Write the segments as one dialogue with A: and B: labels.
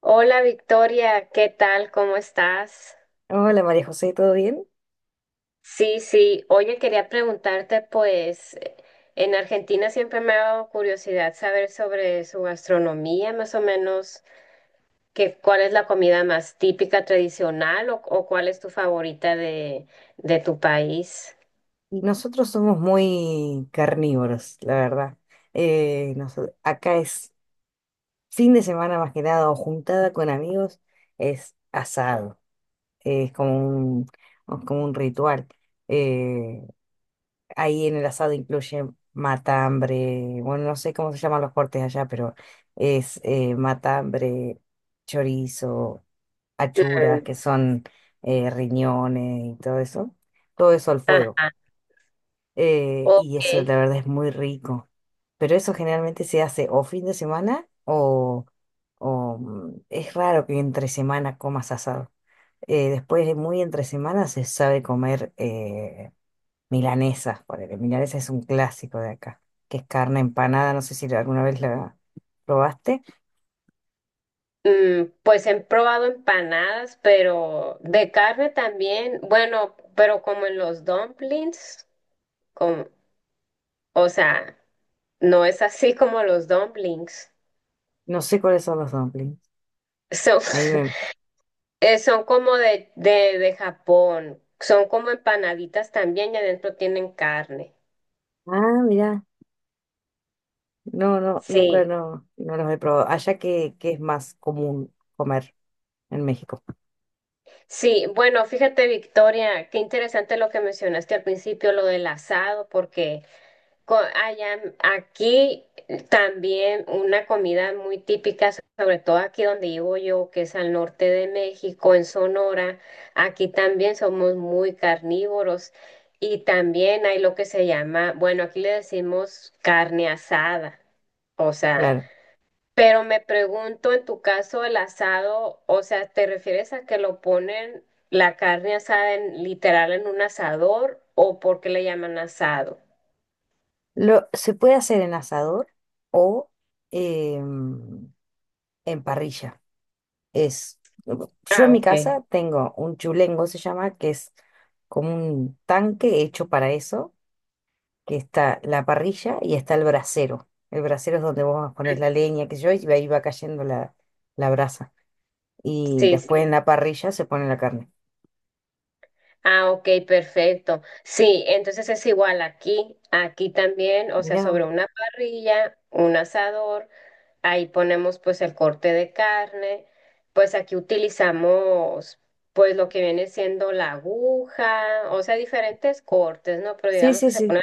A: Hola Victoria, ¿qué tal? ¿Cómo estás?
B: Hola María José, ¿todo bien?
A: Sí, sí. Oye, quería preguntarte, pues, en Argentina siempre me ha dado curiosidad saber sobre su gastronomía, más o menos, que, cuál es la comida más típica, tradicional, o cuál es tu favorita de tu país.
B: Y nosotros somos muy carnívoros, la verdad. Acá es fin de semana más que nada, o juntada con amigos, es asado. Es como un, es como un ritual. Eh, Ahí en el asado incluye matambre. Bueno, no sé cómo se llaman los cortes allá, pero es matambre, chorizo, achuras,
A: Mm.
B: que son riñones y todo eso. Todo eso al fuego.
A: Ah,
B: Y
A: ok.
B: eso la verdad es muy rico. Pero eso generalmente se hace o fin de semana o, es raro que entre semana comas asado. Después de muy entre semana se sabe comer milanesas, porque milanesa es un clásico de acá, que es carne empanada. No sé si alguna vez la probaste.
A: Mm, pues he probado empanadas, pero de carne también, bueno, pero como en los dumplings, como, o sea. No es así como los dumplings.
B: No sé cuáles son los dumplings.
A: Son,
B: Ahí me...
A: son como de, de Japón. Son como empanaditas también y adentro tienen carne.
B: Ah, mira, no, no, nunca
A: Sí,
B: no los he probado. Allá que es más común comer en México.
A: sí. Bueno, fíjate, Victoria, qué interesante lo que mencionaste al principio, lo del asado, porque allá, aquí también una comida muy típica, sobre todo aquí donde vivo yo, que es al norte de México, en Sonora, aquí también somos muy carnívoros y también hay lo que se llama, bueno, aquí le decimos carne asada, o sea,
B: Claro.
A: pero me pregunto en tu caso el asado, o sea, ¿te refieres a que lo ponen la carne asada en, literal en un asador o por qué le llaman asado?
B: Lo, se puede hacer en asador o em, en parrilla. Es, yo
A: Ah,
B: en mi
A: ok.
B: casa tengo un chulengo, se llama, que es como un tanque hecho para eso, que está la parrilla y está el brasero. El brasero es donde vos pones la leña, que yo, y ahí va cayendo la brasa. Y
A: Sí,
B: después
A: sí.
B: en la parrilla se pone la carne.
A: Ah, ok, perfecto. Sí, entonces es igual aquí, aquí también, o sea,
B: Mirá vos.
A: sobre una parrilla, un asador, ahí ponemos pues el corte de carne, pues aquí utilizamos pues lo que viene siendo la aguja, o sea, diferentes cortes, ¿no? Pero
B: Sí,
A: digamos
B: sí,
A: que se
B: sí.
A: pone,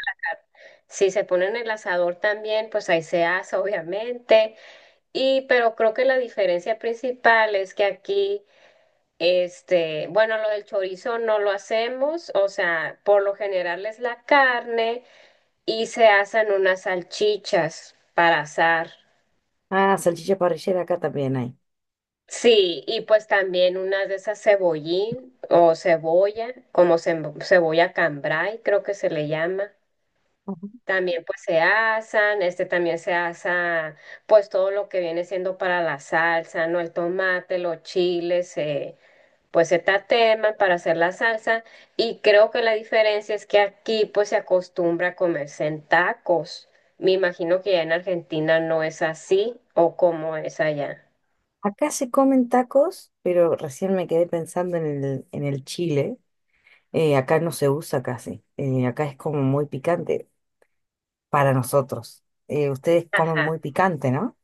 A: si se pone en el asador también, pues ahí se asa, obviamente, y pero creo que la diferencia principal es que aquí... Este, bueno, lo del chorizo no lo hacemos, o sea, por lo general es la carne y se hacen unas salchichas para asar.
B: Ah, salchicha parrillera acá también hay.
A: Sí, y pues también unas de esas cebollín o cebolla, como cebolla cambray, creo que se le llama. También pues se asan, este también se asa pues todo lo que viene siendo para la salsa, ¿no? El tomate, los chiles, pues se tateman para hacer la salsa y creo que la diferencia es que aquí pues se acostumbra a comerse en tacos. Me imagino que ya en Argentina no es así o como es allá.
B: Acá se comen tacos, pero recién me quedé pensando en en el chile. Acá no se usa casi. Acá es como muy picante para nosotros. Ustedes comen
A: Ajá.
B: muy picante, ¿no?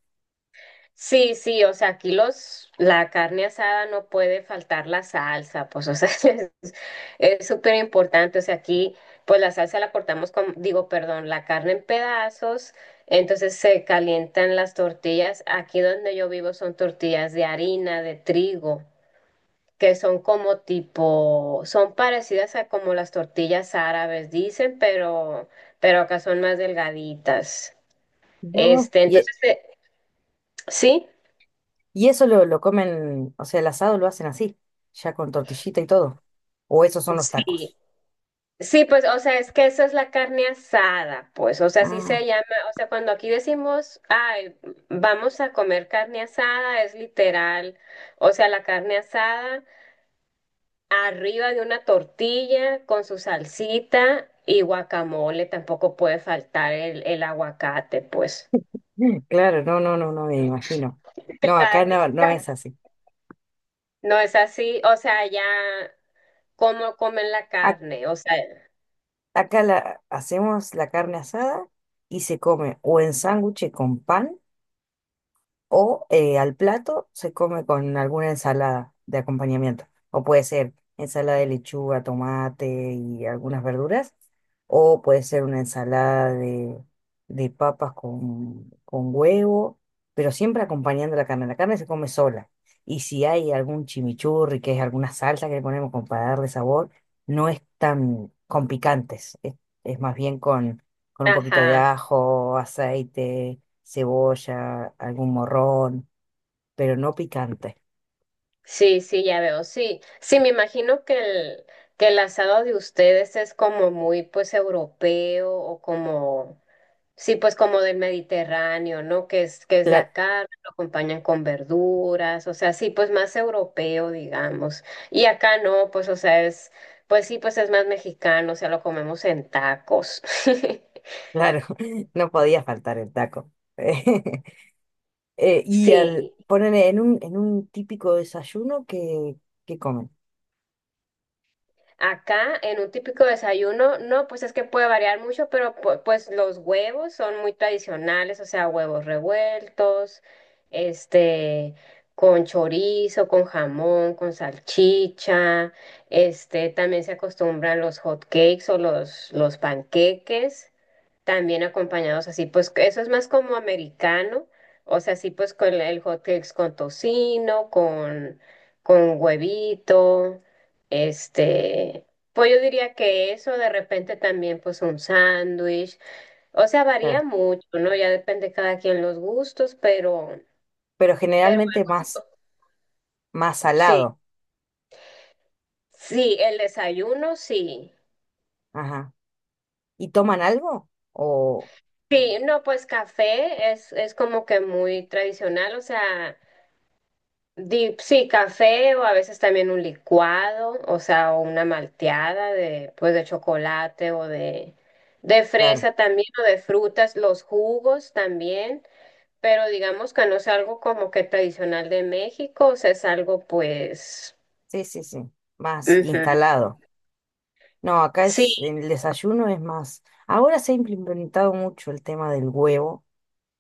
A: Sí, sí, o sea, aquí los, la carne asada no puede faltar la salsa, pues, o sea, es es súper importante, o sea, aquí, pues la salsa la cortamos con, digo, perdón, la carne en pedazos, entonces se calientan las tortillas, aquí donde yo vivo son tortillas de harina, de trigo, que son como tipo, son parecidas a como las tortillas árabes, dicen, pero acá son más delgaditas,
B: Mirá vos.
A: este, entonces, sí.
B: Y eso lo comen, o sea, el asado lo hacen así, ya con tortillita y todo. O esos son los tacos.
A: Sí, sí, pues, o sea, es que eso es la carne asada, pues, o sea, así
B: Ah,
A: se llama, o sea, cuando aquí decimos, ay, vamos a comer carne asada, es literal, o sea, la carne asada arriba de una tortilla con su salsita y guacamole, tampoco puede faltar el aguacate, pues.
B: mm, claro, no, no, no, no me imagino. No,
A: Está
B: acá no, no
A: rica.
B: es así.
A: No es así, o sea, ya cómo comen la
B: Ac-
A: carne, o sea,
B: Acá la, hacemos la carne asada y se come o en sándwich con pan. O al plato se come con alguna ensalada de acompañamiento. O puede ser ensalada de lechuga, tomate y algunas verduras. O puede ser una ensalada de papas con huevo, pero siempre acompañando la carne. La carne se come sola. Y si hay algún chimichurri, que es alguna salsa que le ponemos con para darle sabor, no es tan con picantes. Es más bien con un poquito de
A: ajá.
B: ajo, aceite, cebolla, algún morrón, pero no picante.
A: Sí, sí, ya veo, sí. Sí, me imagino que el asado de ustedes es como muy, pues, europeo o como, sí, pues, como del Mediterráneo, ¿no? Que es la
B: Cla-
A: carne, lo acompañan con verduras, o sea, sí, pues, más europeo, digamos. Y acá no, pues, o sea, es, pues, sí, pues, es más mexicano, o sea, lo comemos en tacos.
B: Claro, no podía faltar el taco. Y al
A: Sí.
B: poner en un típico desayuno que comen.
A: Acá, en un típico desayuno, no, pues es que puede variar mucho, pero pues los huevos son muy tradicionales, o sea, huevos revueltos, este, con chorizo, con jamón, con salchicha, este, también se acostumbran los hot cakes o los panqueques. También acompañados así, pues que eso es más como americano, o sea, así pues con el hot cakes con tocino, con huevito, este, pues yo diría que eso de repente también pues un sándwich, o sea, varía
B: Claro.
A: mucho, ¿no? Ya depende de cada quien los gustos,
B: Pero
A: pero
B: generalmente
A: algo así,
B: más,
A: co-
B: más
A: sí,
B: salado.
A: sí, el desayuno, sí.
B: Ajá. ¿Y toman algo? O,
A: Sí, no, pues café es como que muy tradicional, o sea... Sí, café o a veces también un licuado, o sea, o una malteada de, pues, de chocolate o de
B: claro,
A: fresa también o de frutas, los jugos también, pero digamos que no es algo como que tradicional de México, o sea, es algo pues,
B: sí, sí, sí, más
A: ujú.
B: instalado. No, acá es,
A: Sí,
B: en el desayuno es más. Ahora se ha implementado mucho el tema del huevo,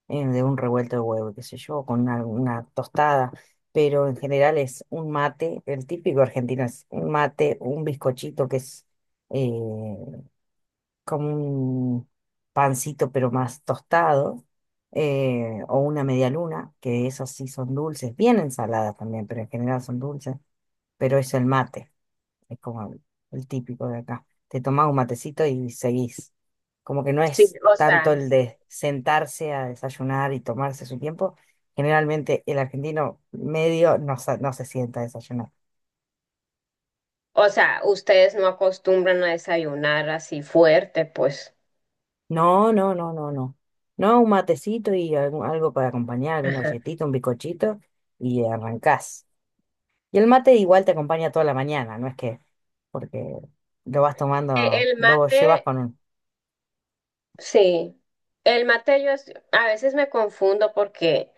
B: de un revuelto de huevo, qué sé yo, con una tostada, pero en general es un mate. El típico argentino es un mate, un bizcochito que es eh, como un pancito pero más tostado, o una media luna, que esas sí son dulces, bien ensaladas también, pero en general son dulces, pero es el mate. Es como el típico de acá. Te tomas un matecito y seguís. Como que no
A: sí,
B: es tanto el de sentarse a desayunar y tomarse su tiempo. Generalmente el argentino medio no, no se sienta a desayunar.
A: o sea, ustedes no acostumbran a desayunar así fuerte, pues.
B: No, no, no, no, no. No, un matecito y algo, algo para acompañar, alguna
A: Ajá.
B: galletita, un bizcochito, y arrancás. Y el mate igual te acompaña toda la mañana, no es que porque lo vas tomando,
A: El
B: lo llevas
A: mate,
B: con...
A: sí. El mate yo a veces me confundo porque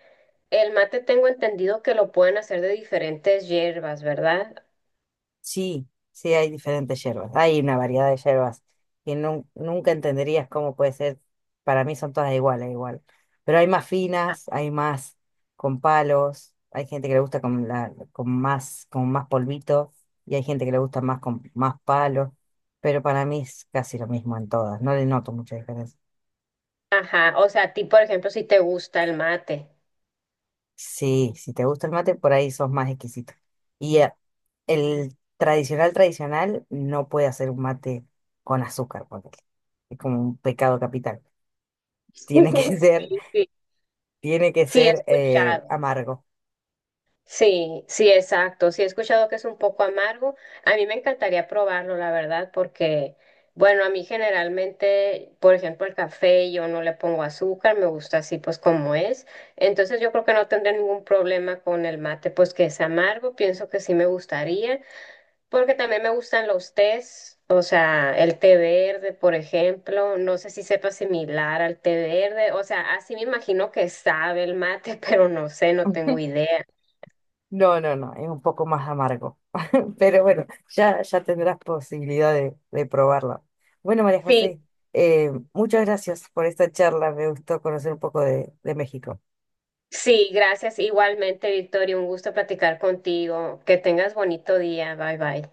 A: el mate tengo entendido que lo pueden hacer de diferentes hierbas, ¿verdad?
B: Sí, sí, hay diferentes hierbas, hay una variedad de hierbas que nunca entenderías cómo puede ser, para mí son todas iguales, igual, pero hay más finas, hay más con palos, hay gente que le gusta con más polvito, y hay gente que le gusta más con más palos, pero para mí es casi lo mismo en todas, no le noto mucha diferencia.
A: Ajá, o sea, a ti, por ejemplo, si te gusta el mate.
B: Sí, si te gusta el mate, por ahí sos más exquisito. Y el tradicional tradicional no puede hacer un mate con azúcar, porque es como un pecado capital.
A: Sí,
B: Tiene que ser,
A: sí,
B: tiene que
A: sí he
B: ser
A: escuchado.
B: amargo.
A: Sí, sí, exacto. Sí he escuchado que es un poco amargo. A mí me encantaría probarlo, la verdad, porque, bueno, a mí generalmente, por ejemplo, el café yo no le pongo azúcar, me gusta así pues como es. Entonces yo creo que no tendré ningún problema con el mate, pues que es amargo, pienso que sí me gustaría. Porque también me gustan los tés, o sea, el té verde, por ejemplo, no sé si sepa similar al té verde, o sea, así me imagino que sabe el mate, pero no sé, no tengo idea.
B: No, no, no, es un poco más amargo. Pero bueno, ya, ya tendrás posibilidad de probarlo. Bueno, María
A: Sí,
B: José, muchas gracias por esta charla. Me gustó conocer un poco de México.
A: sí, gracias igualmente, Victoria, un gusto platicar contigo, que tengas bonito día, bye bye.